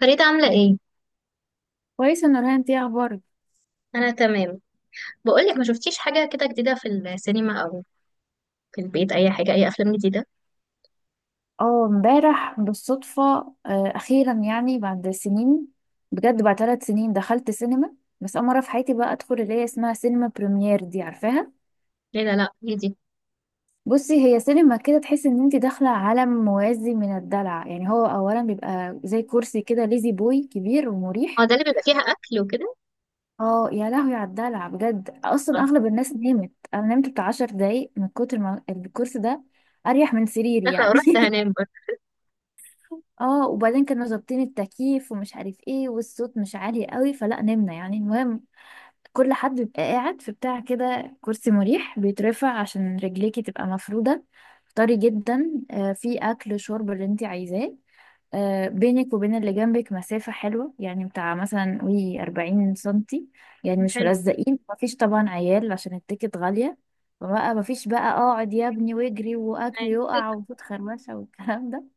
فريدة عاملة ايه؟ كويسة نورهان، انتي اخبارك؟ أنا تمام. بقولك ما شفتيش حاجة كده جديدة في السينما أو في البيت، أي حاجة، أي أفلام جديدة؟ اه امبارح بالصدفة. اخيرا يعني بعد سنين. بجد بعد 3 سنين دخلت سينما، بس اول مرة في حياتي بقى ادخل اللي هي اسمها سينما بريمير، دي عارفاها؟ ليه؟ لا لا ايه دي؟ بصي، هي سينما كده تحس ان انت داخلة عالم موازي من الدلع. يعني هو اولا بيبقى زي كرسي كده ليزي بوي كبير اه ومريح. ده اللي بيبقى فيها أكل وكده. اه يا لهوي على الدلع بجد، اصلا آه، اغلب الناس نامت، انا نمت بتاع 10 دقايق من كتر ما الكرسي ده اريح من سريري داخلة يعني. ورحت هنام برضه. اه وبعدين كانوا ظابطين التكييف ومش عارف ايه والصوت مش عالي قوي فلا نمنا يعني. المهم كل حد بيبقى قاعد في بتاع كده كرسي مريح بيترفع عشان رجليكي تبقى مفرودة، طري جدا. في اكل شرب اللي انت عايزاه. بينك وبين اللي جنبك مسافة حلوة يعني، بتاع مثلا قولي 40 سنتي، يعني مش حلو. ملزقين، مفيش طبعا عيال عشان التيكت غالية، فبقى مفيش بقى اقعد يا ابني واجري واكل يقع وفوت خربشة والكلام.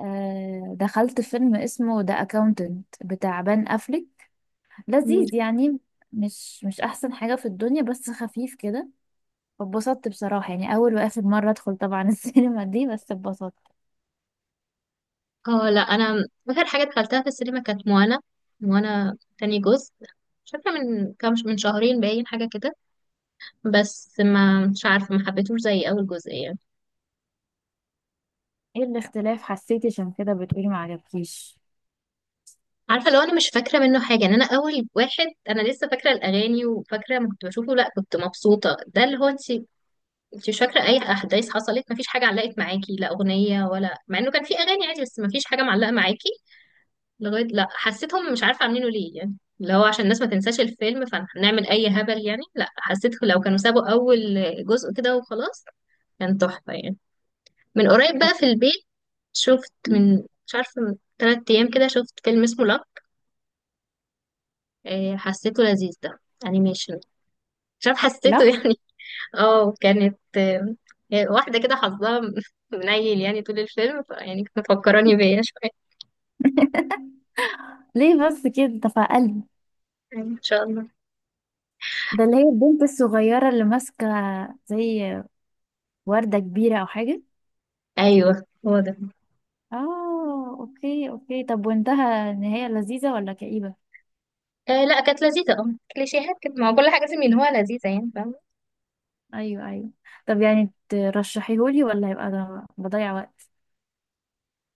دخلت فيلم اسمه ذا اكاونتنت بتاع بان افليك، مم. لذيذ يعني. مش احسن حاجة في الدنيا، بس خفيف كده. اتبسطت بصراحة، يعني اول واخر مرة ادخل طبعا السينما دي، بس اتبسطت. اه لا، أنا آخر حاجة دخلتها في السينما كانت موانا، موانا تاني جزء. مش فاكرة من كام، من شهرين باين حاجة كده. بس ما مش عارفة، ما حبيتهوش زي أول جزء يعني. ايه الاختلاف حسيتي عشان كده بتقولي ما عجبكيش؟ عارفة لو أنا مش فاكرة منه حاجة، إن أنا أول واحد أنا لسه فاكرة الأغاني وفاكرة ما كنت بشوفه، لا كنت مبسوطة، ده اللي هو أنت انت مش فاكره اي احداث حصلت، مفيش حاجه علقت معاكي لا اغنيه، ولا مع انه كان في اغاني عادي، بس مفيش حاجه معلقه معاكي لغايه. لا حسيتهم مش عارفه عاملينه ليه، يعني اللي هو عشان الناس ما تنساش الفيلم فنعمل اي هبل يعني. لا حسيت لو كانوا سابوا اول جزء كده وخلاص كان تحفه يعني. من قريب بقى أوكي. في البيت شفت من، مش عارفه من 3 ايام كده، شفت فيلم اسمه لاك. حسيته لذيذ ده، انيميشن. مش عارفه حسيته لا، يعني. اه كانت، واحدة كده حظها منيل يعني طول الفيلم، يعني كانت مفكراني بيا شوية. ليه بس كده؟ ده في قلبي. أيوة، ان شاء الله. ده اللي هي البنت الصغيرة اللي ماسكة زي وردة كبيرة او حاجة. ايوه هو ده. اه اوكي اوكي، طب وانتهى، النهاية لذيذة ولا كئيبة؟ آه لا كانت لذيذة، اه كليشيهات كده، ما هو كل حاجة لازم ان هو لذيذة يعني، فاهمة. ايوه ايوه. طب يعني ترشحيهولي ولا هيبقى ده بضيع وقت؟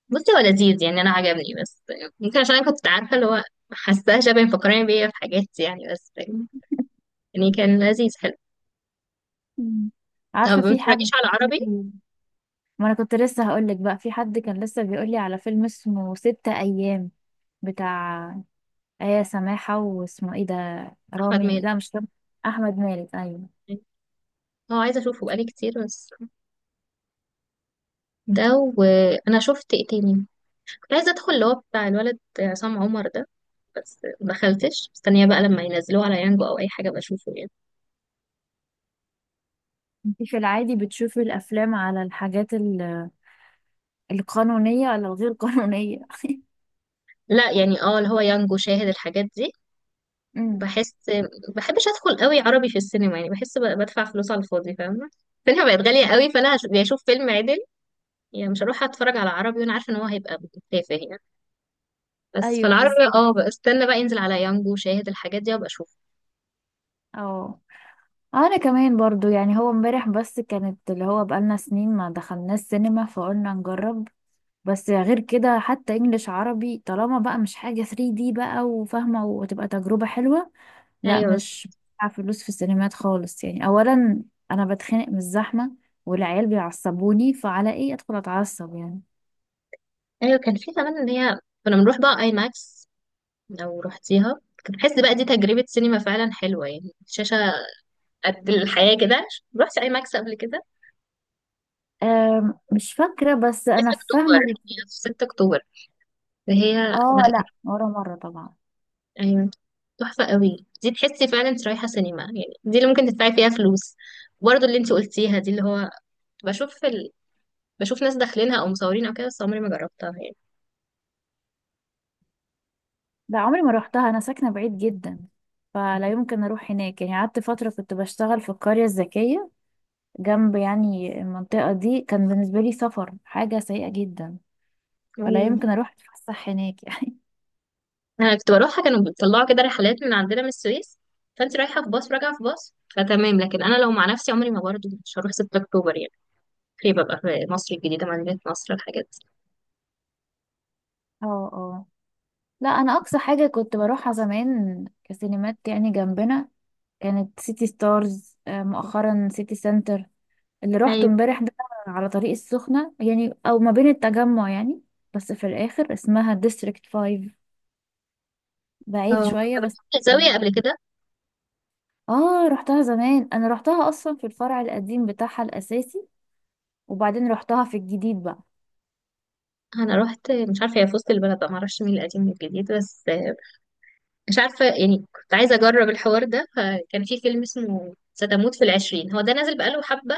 بصي هو لذيذ يعني، انا عجبني، بس ممكن عشان انا كنت عارفة اللي هو حاساها شبه مفكراني بيا في حاجات يعني. بس يعني كان لذيذ، حلو. مم. طب عارفه ما في بتتفرجيش حد، على عربي؟ ما انا كنت لسه هقولك، بقى في حد كان لسه بيقولي على فيلم اسمه ستة ايام بتاع آية سماحة. واسمه ايه ده؟ احمد رامي، مالك. لا مش رامي، احمد مالك ايوه. اه عايزة اشوفه بقالي كتير بس. ده وانا شفت ايه تاني؟ كنت عايزة ادخل اللي هو بتاع الولد عصام عمر ده، بس ما دخلتش، مستنيه بقى لما ينزلوه على يانجو او اي حاجه بشوفه يعني. انتي في العادي بتشوفي الافلام على الحاجات القانونية ولا الغير قانونية؟ لا يعني اه اللي هو يانجو شاهد الحاجات دي. امم، بحس بحبش ادخل قوي عربي في السينما يعني، بحس بدفع فلوس على الفاضي، فاهمه. السينما بقت غاليه قوي، فانا يا اشوف فيلم عدل يعني، مش هروح اتفرج على عربي وانا عارفه ان هو هيبقى تافه يعني. بس ايوه فالعربي بالظبط اه بقى استنى بقى ينزل على يانجو شاهد الحاجات دي وابقى اشوف. اه. انا كمان برضو يعني، هو امبارح بس كانت اللي هو بقالنا سنين ما دخلناش سينما فقلنا نجرب. بس غير كده حتى انجليش عربي طالما بقى مش حاجة 3D بقى وفاهمة وتبقى تجربة حلوة. لا ايوه بس. مش بدفع فلوس في السينمات خالص يعني، اولا انا بتخنق من الزحمة والعيال بيعصبوني، فعلى ايه ادخل اتعصب يعني. ايوه كان في زمان ان هي كنا بنروح بقى اي ماكس. لو رحتيها كنت بحس بقى دي تجربه سينما فعلا حلوه يعني، شاشه قد الحياة كده. رحت أي ماكس قبل كده؟ مش فاكرة بس لسه انا أكتوبر، فاهمة هي الفكرة. في 6 أكتوبر فهي. لا اه لا، كانت، ولا مرة طبعا. أيوة تحفة قوي دي، تحسي فعلا انت رايحة سينما يعني، دي اللي ممكن تدفعي فيها فلوس. برضه اللي انت قلتيها دي اللي هو بشوف في ال... بشوف ناس داخلينها أو مصورين أو كده، بس عمري ما جربتها يعني. لا عمري ما روحتها، انا ساكنه بعيد جدا فلا يمكن اروح هناك يعني. قعدت فتره كنت بشتغل في القريه الذكيه جنب يعني المنطقه دي، كان بالنسبه لي سفر حاجه سيئه جدا، فلا أيوة يمكن اروح اتفسح هناك يعني. أنا كنت بروحها، كانوا بيطلعوا كده رحلات من عندنا من السويس، فأنت رايحة في باص راجعة في باص فتمام، لكن أنا لو مع نفسي عمري، ما برضه مش هروح 6 أكتوبر يعني، خليه ببقى في مصر الجديدة، مدينة نصر، الحاجات اه اه، لا انا اقصى حاجه كنت بروحها زمان كسينمات يعني جنبنا كانت سيتي ستارز. مؤخرا سيتي سنتر اللي دي. روحته امبارح ده، على طريق السخنه يعني، او ما بين التجمع يعني، بس في الاخر اسمها ديستريكت 5، اه بعيد انا شويه بس. رحت الزاويه قبل كده. اه رحتها زمان، انا رحتها اصلا في الفرع القديم بتاعها الاساسي، وبعدين رحتها في الجديد بقى. انا رحت مش عارفه هي في وسط البلد بقى، معرفش مين القديم من الجديد، بس مش عارفه يعني كنت عايزه اجرب الحوار ده، فكان في فيلم اسمه ستموت في العشرين، هو ده نازل بقاله حبه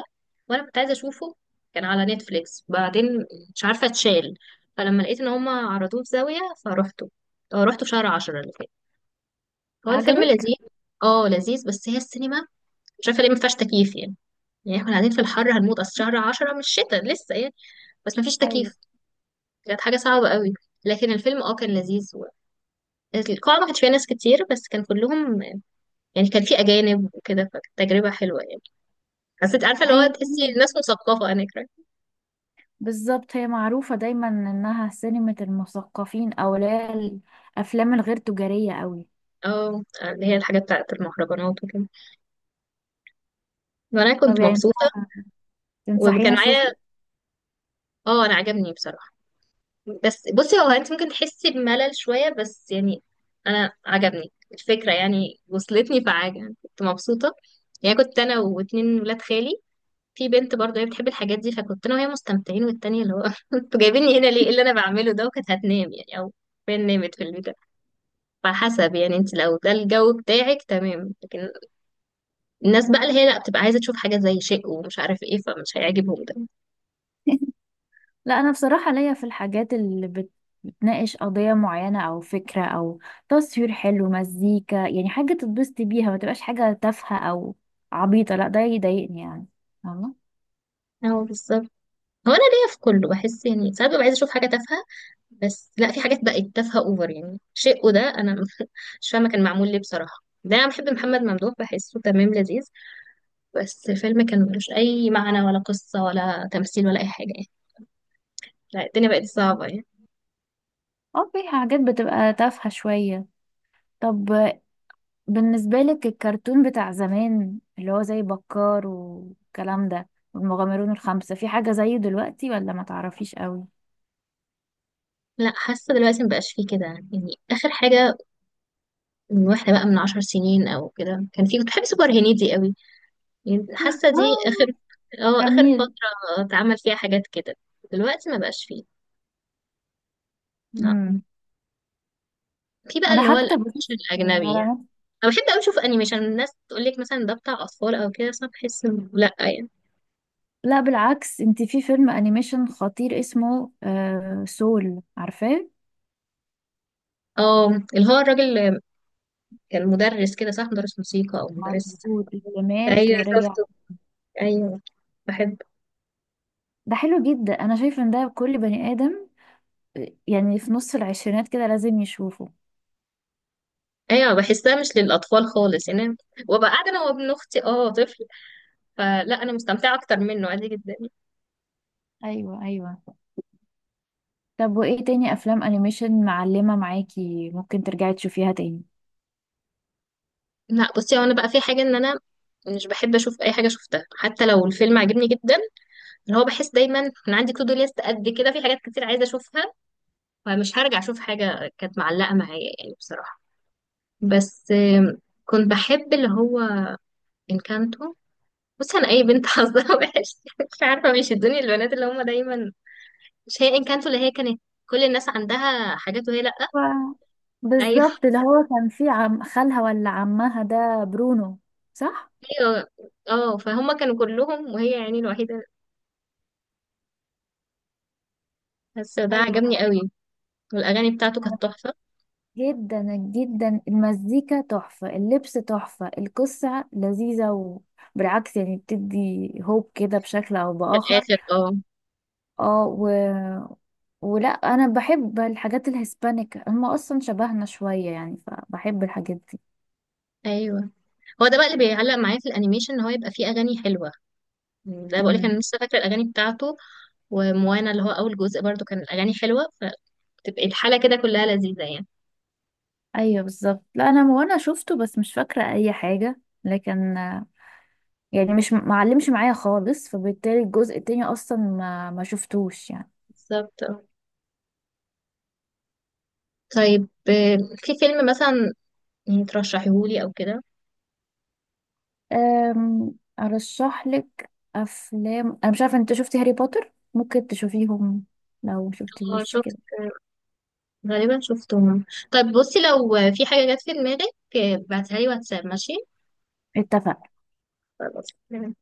وانا كنت عايزه اشوفه، كان على نتفليكس بعدين مش عارفه اتشال، فلما لقيت ان هما عرضوه في زاويه فروحته. اه رحته في شهر 10 اللي فات. هو الفيلم عجبك؟ لذيذ. اه لذيذ، بس هي السينما مش عارفه ليه ما فيهاش تكييف يعني. يعني احنا قاعدين في الحر هنموت، اصل شهر 10 مش شتاء لسه يعني، بس ما فيش ايوه تكييف. كانت حاجة صعبة قوي. لكن الفيلم اه كان لذيذ و... القاعة ما كانش فيها ناس كتير، بس كان كلهم يعني، كان في أجانب وكده، فكانت تجربة حلوة يعني. حسيت عارفة اللي هو هي تحسي كمان- الناس مثقفة هناك، right؟ بالظبط، هي معروفة دايما انها سينما المثقفين او اللي هي الافلام الغير تجارية قوي. اه اللي هي الحاجة بتاعت المهرجانات وكده. وأنا طب كنت يعني مبسوطة. تنصحيني وكان معايا. اشوفه؟ اه أنا عجبني بصراحة، بس بصي هو أنت ممكن تحسي بملل شوية بس يعني. أنا عجبني الفكرة يعني، وصلتني فعجب، كنت مبسوطة. يعني كنت أنا واتنين ولاد خالي، في بنت برضه هي بتحب الحاجات دي، فكنت انا وهي مستمتعين، والتانية اللي هو انتوا جايبيني هنا ليه، ايه اللي انا بعمله ده، وكانت هتنام يعني، او فين نامت في البيت. على حسب يعني، انت لو ده الجو بتاعك تمام، لكن الناس بقى اللي هي لا بتبقى عايزة تشوف حاجة زي شيء ومش عارف ايه، فمش هيعجبهم ده. لا انا بصراحة ليا في الحاجات بتناقش قضية معينة او فكرة او تصوير حلو مزيكا، يعني حاجة تتبسطي بيها ما تبقاش حاجة تافهة او عبيطة، لا ده يضايقني يعني، فاهمة؟ اه بالظبط. هو انا ليا في كله، بحس يعني ساعات ببقى عايزة اشوف حاجة تافهة، بس لا في حاجات بقت تافهة اوفر يعني، شيء وده انا مش فاهمة كان معمول ليه بصراحة، ده انا بحب محمد ممدوح بحسه تمام لذيذ، بس الفيلم كان ملوش أي معنى ولا قصة ولا تمثيل ولا أي حاجة يعني. لا الدنيا بقت صعبة يعني. اه في حاجات بتبقى تافهة شوية. طب بالنسبة لك الكرتون بتاع زمان اللي هو زي بكار والكلام ده والمغامرون الخمسة، في حاجة زيه دلوقتي ولا ما تعرفيش قوي؟ لا حاسة دلوقتي مبقاش فيه كده يعني، آخر حاجة من واحدة بقى من 10 سنين أو كده كان فيه، كنت بحب سوبر هنيدي قوي يعني، حاسة دي اه. آخر، اه آخر جميل. فترة اتعمل فيها حاجات كده. دلوقتي مبقاش فيه، لا. امم. في بقى انا اللي هو حتى الأنيميشن بشوف الأجنبي يعني. على نفسي. أنا بحب أوي أشوف أنيميشن، الناس تقول لك مثلا ده بتاع أطفال أو كده، بس أنا بحس إنه لأ يعني. لا بالعكس، انت في فيلم انيميشن خطير اسمه سول، عارفاه؟ اه اللي هو الراجل اللي كان مدرس كده صح، مدرس موسيقى أو مدرس. مظبوط، اللي مات ايوه ورجع. شفته، ايوه، بحب. ده حلو جدا، انا شايفه ان ده كل بني ادم، يعني في نص العشرينات كده لازم يشوفه. ايوه بحسها مش للاطفال خالص يعني، أنا وابقى قاعده انا وابن اختي اه طفل، فلا انا مستمتعه اكتر منه عادي جدا. ايوه ايوه. طب وايه تاني افلام انيميشن معلمة معاكي ممكن ترجعي تشوفيها تاني؟ لا بصي هو انا بقى في حاجه ان انا مش بحب اشوف اي حاجه شفتها حتى لو الفيلم عجبني جدا، اللي هو بحس دايما انا عندي تو دو ليست قد كده في حاجات كتير عايزه اشوفها، فمش هرجع اشوف حاجه كانت معلقه معايا يعني بصراحه. بس كنت بحب اللي هو انكانتو. بصي انا اي بنت حظها وحش، مش عارفه مش الدنيا البنات اللي هم دايما، مش هي انكانتو اللي هي كانت كل الناس عندها حاجات وهي لأ. و- ايوه، بالظبط، اللي هو كان في عم خالها ولا عمها ده برونو، صح؟ ايوه. اه فهم كانوا كلهم وهي يعني الوحيدة، بس ده ايوه. عجبني قوي. والاغاني بتاعته أنا كانت تحفة. جدا جدا، المزيكا تحفة، اللبس تحفة، القصة لذيذة، وبالعكس يعني بتدي هوب كده بشكل أو في بآخر. الاخر اه اه و... ولا أنا بحب الحاجات الهسبانيك، هم أصلا شبهنا شوية يعني فبحب الحاجات دي. ايوه هو ده بقى اللي بيعلق معايا في الانيميشن، ان هو يبقى فيه اغاني حلوة. ده بقول لك إمم. انا لسه فاكرة الاغاني بتاعته. وموانا اللي هو اول جزء برضو كان الاغاني حلوة، فتبقى الحالة كده كلها لذيذة يعني. ايوه بالظبط. لا انا، وانا شفته بس مش فاكره اي حاجه، لكن يعني مش معلمش معايا خالص، فبالتالي الجزء التاني اصلا ما شفتوش يعني. بالظبط. آه. طيب، في فيلم مثلا يعني ترشحيهولي او كده؟ ارشح لك افلام، انا مش عارفه انت شفتي هاري بوتر؟ ممكن تشوفيهم لو اه مشفتيهوش شفت، كده. غالبا شفتهم. طيب بصي، لو في حاجة جت في دماغك ابعتها لي واتساب، ماشي؟ اتفق خلاص.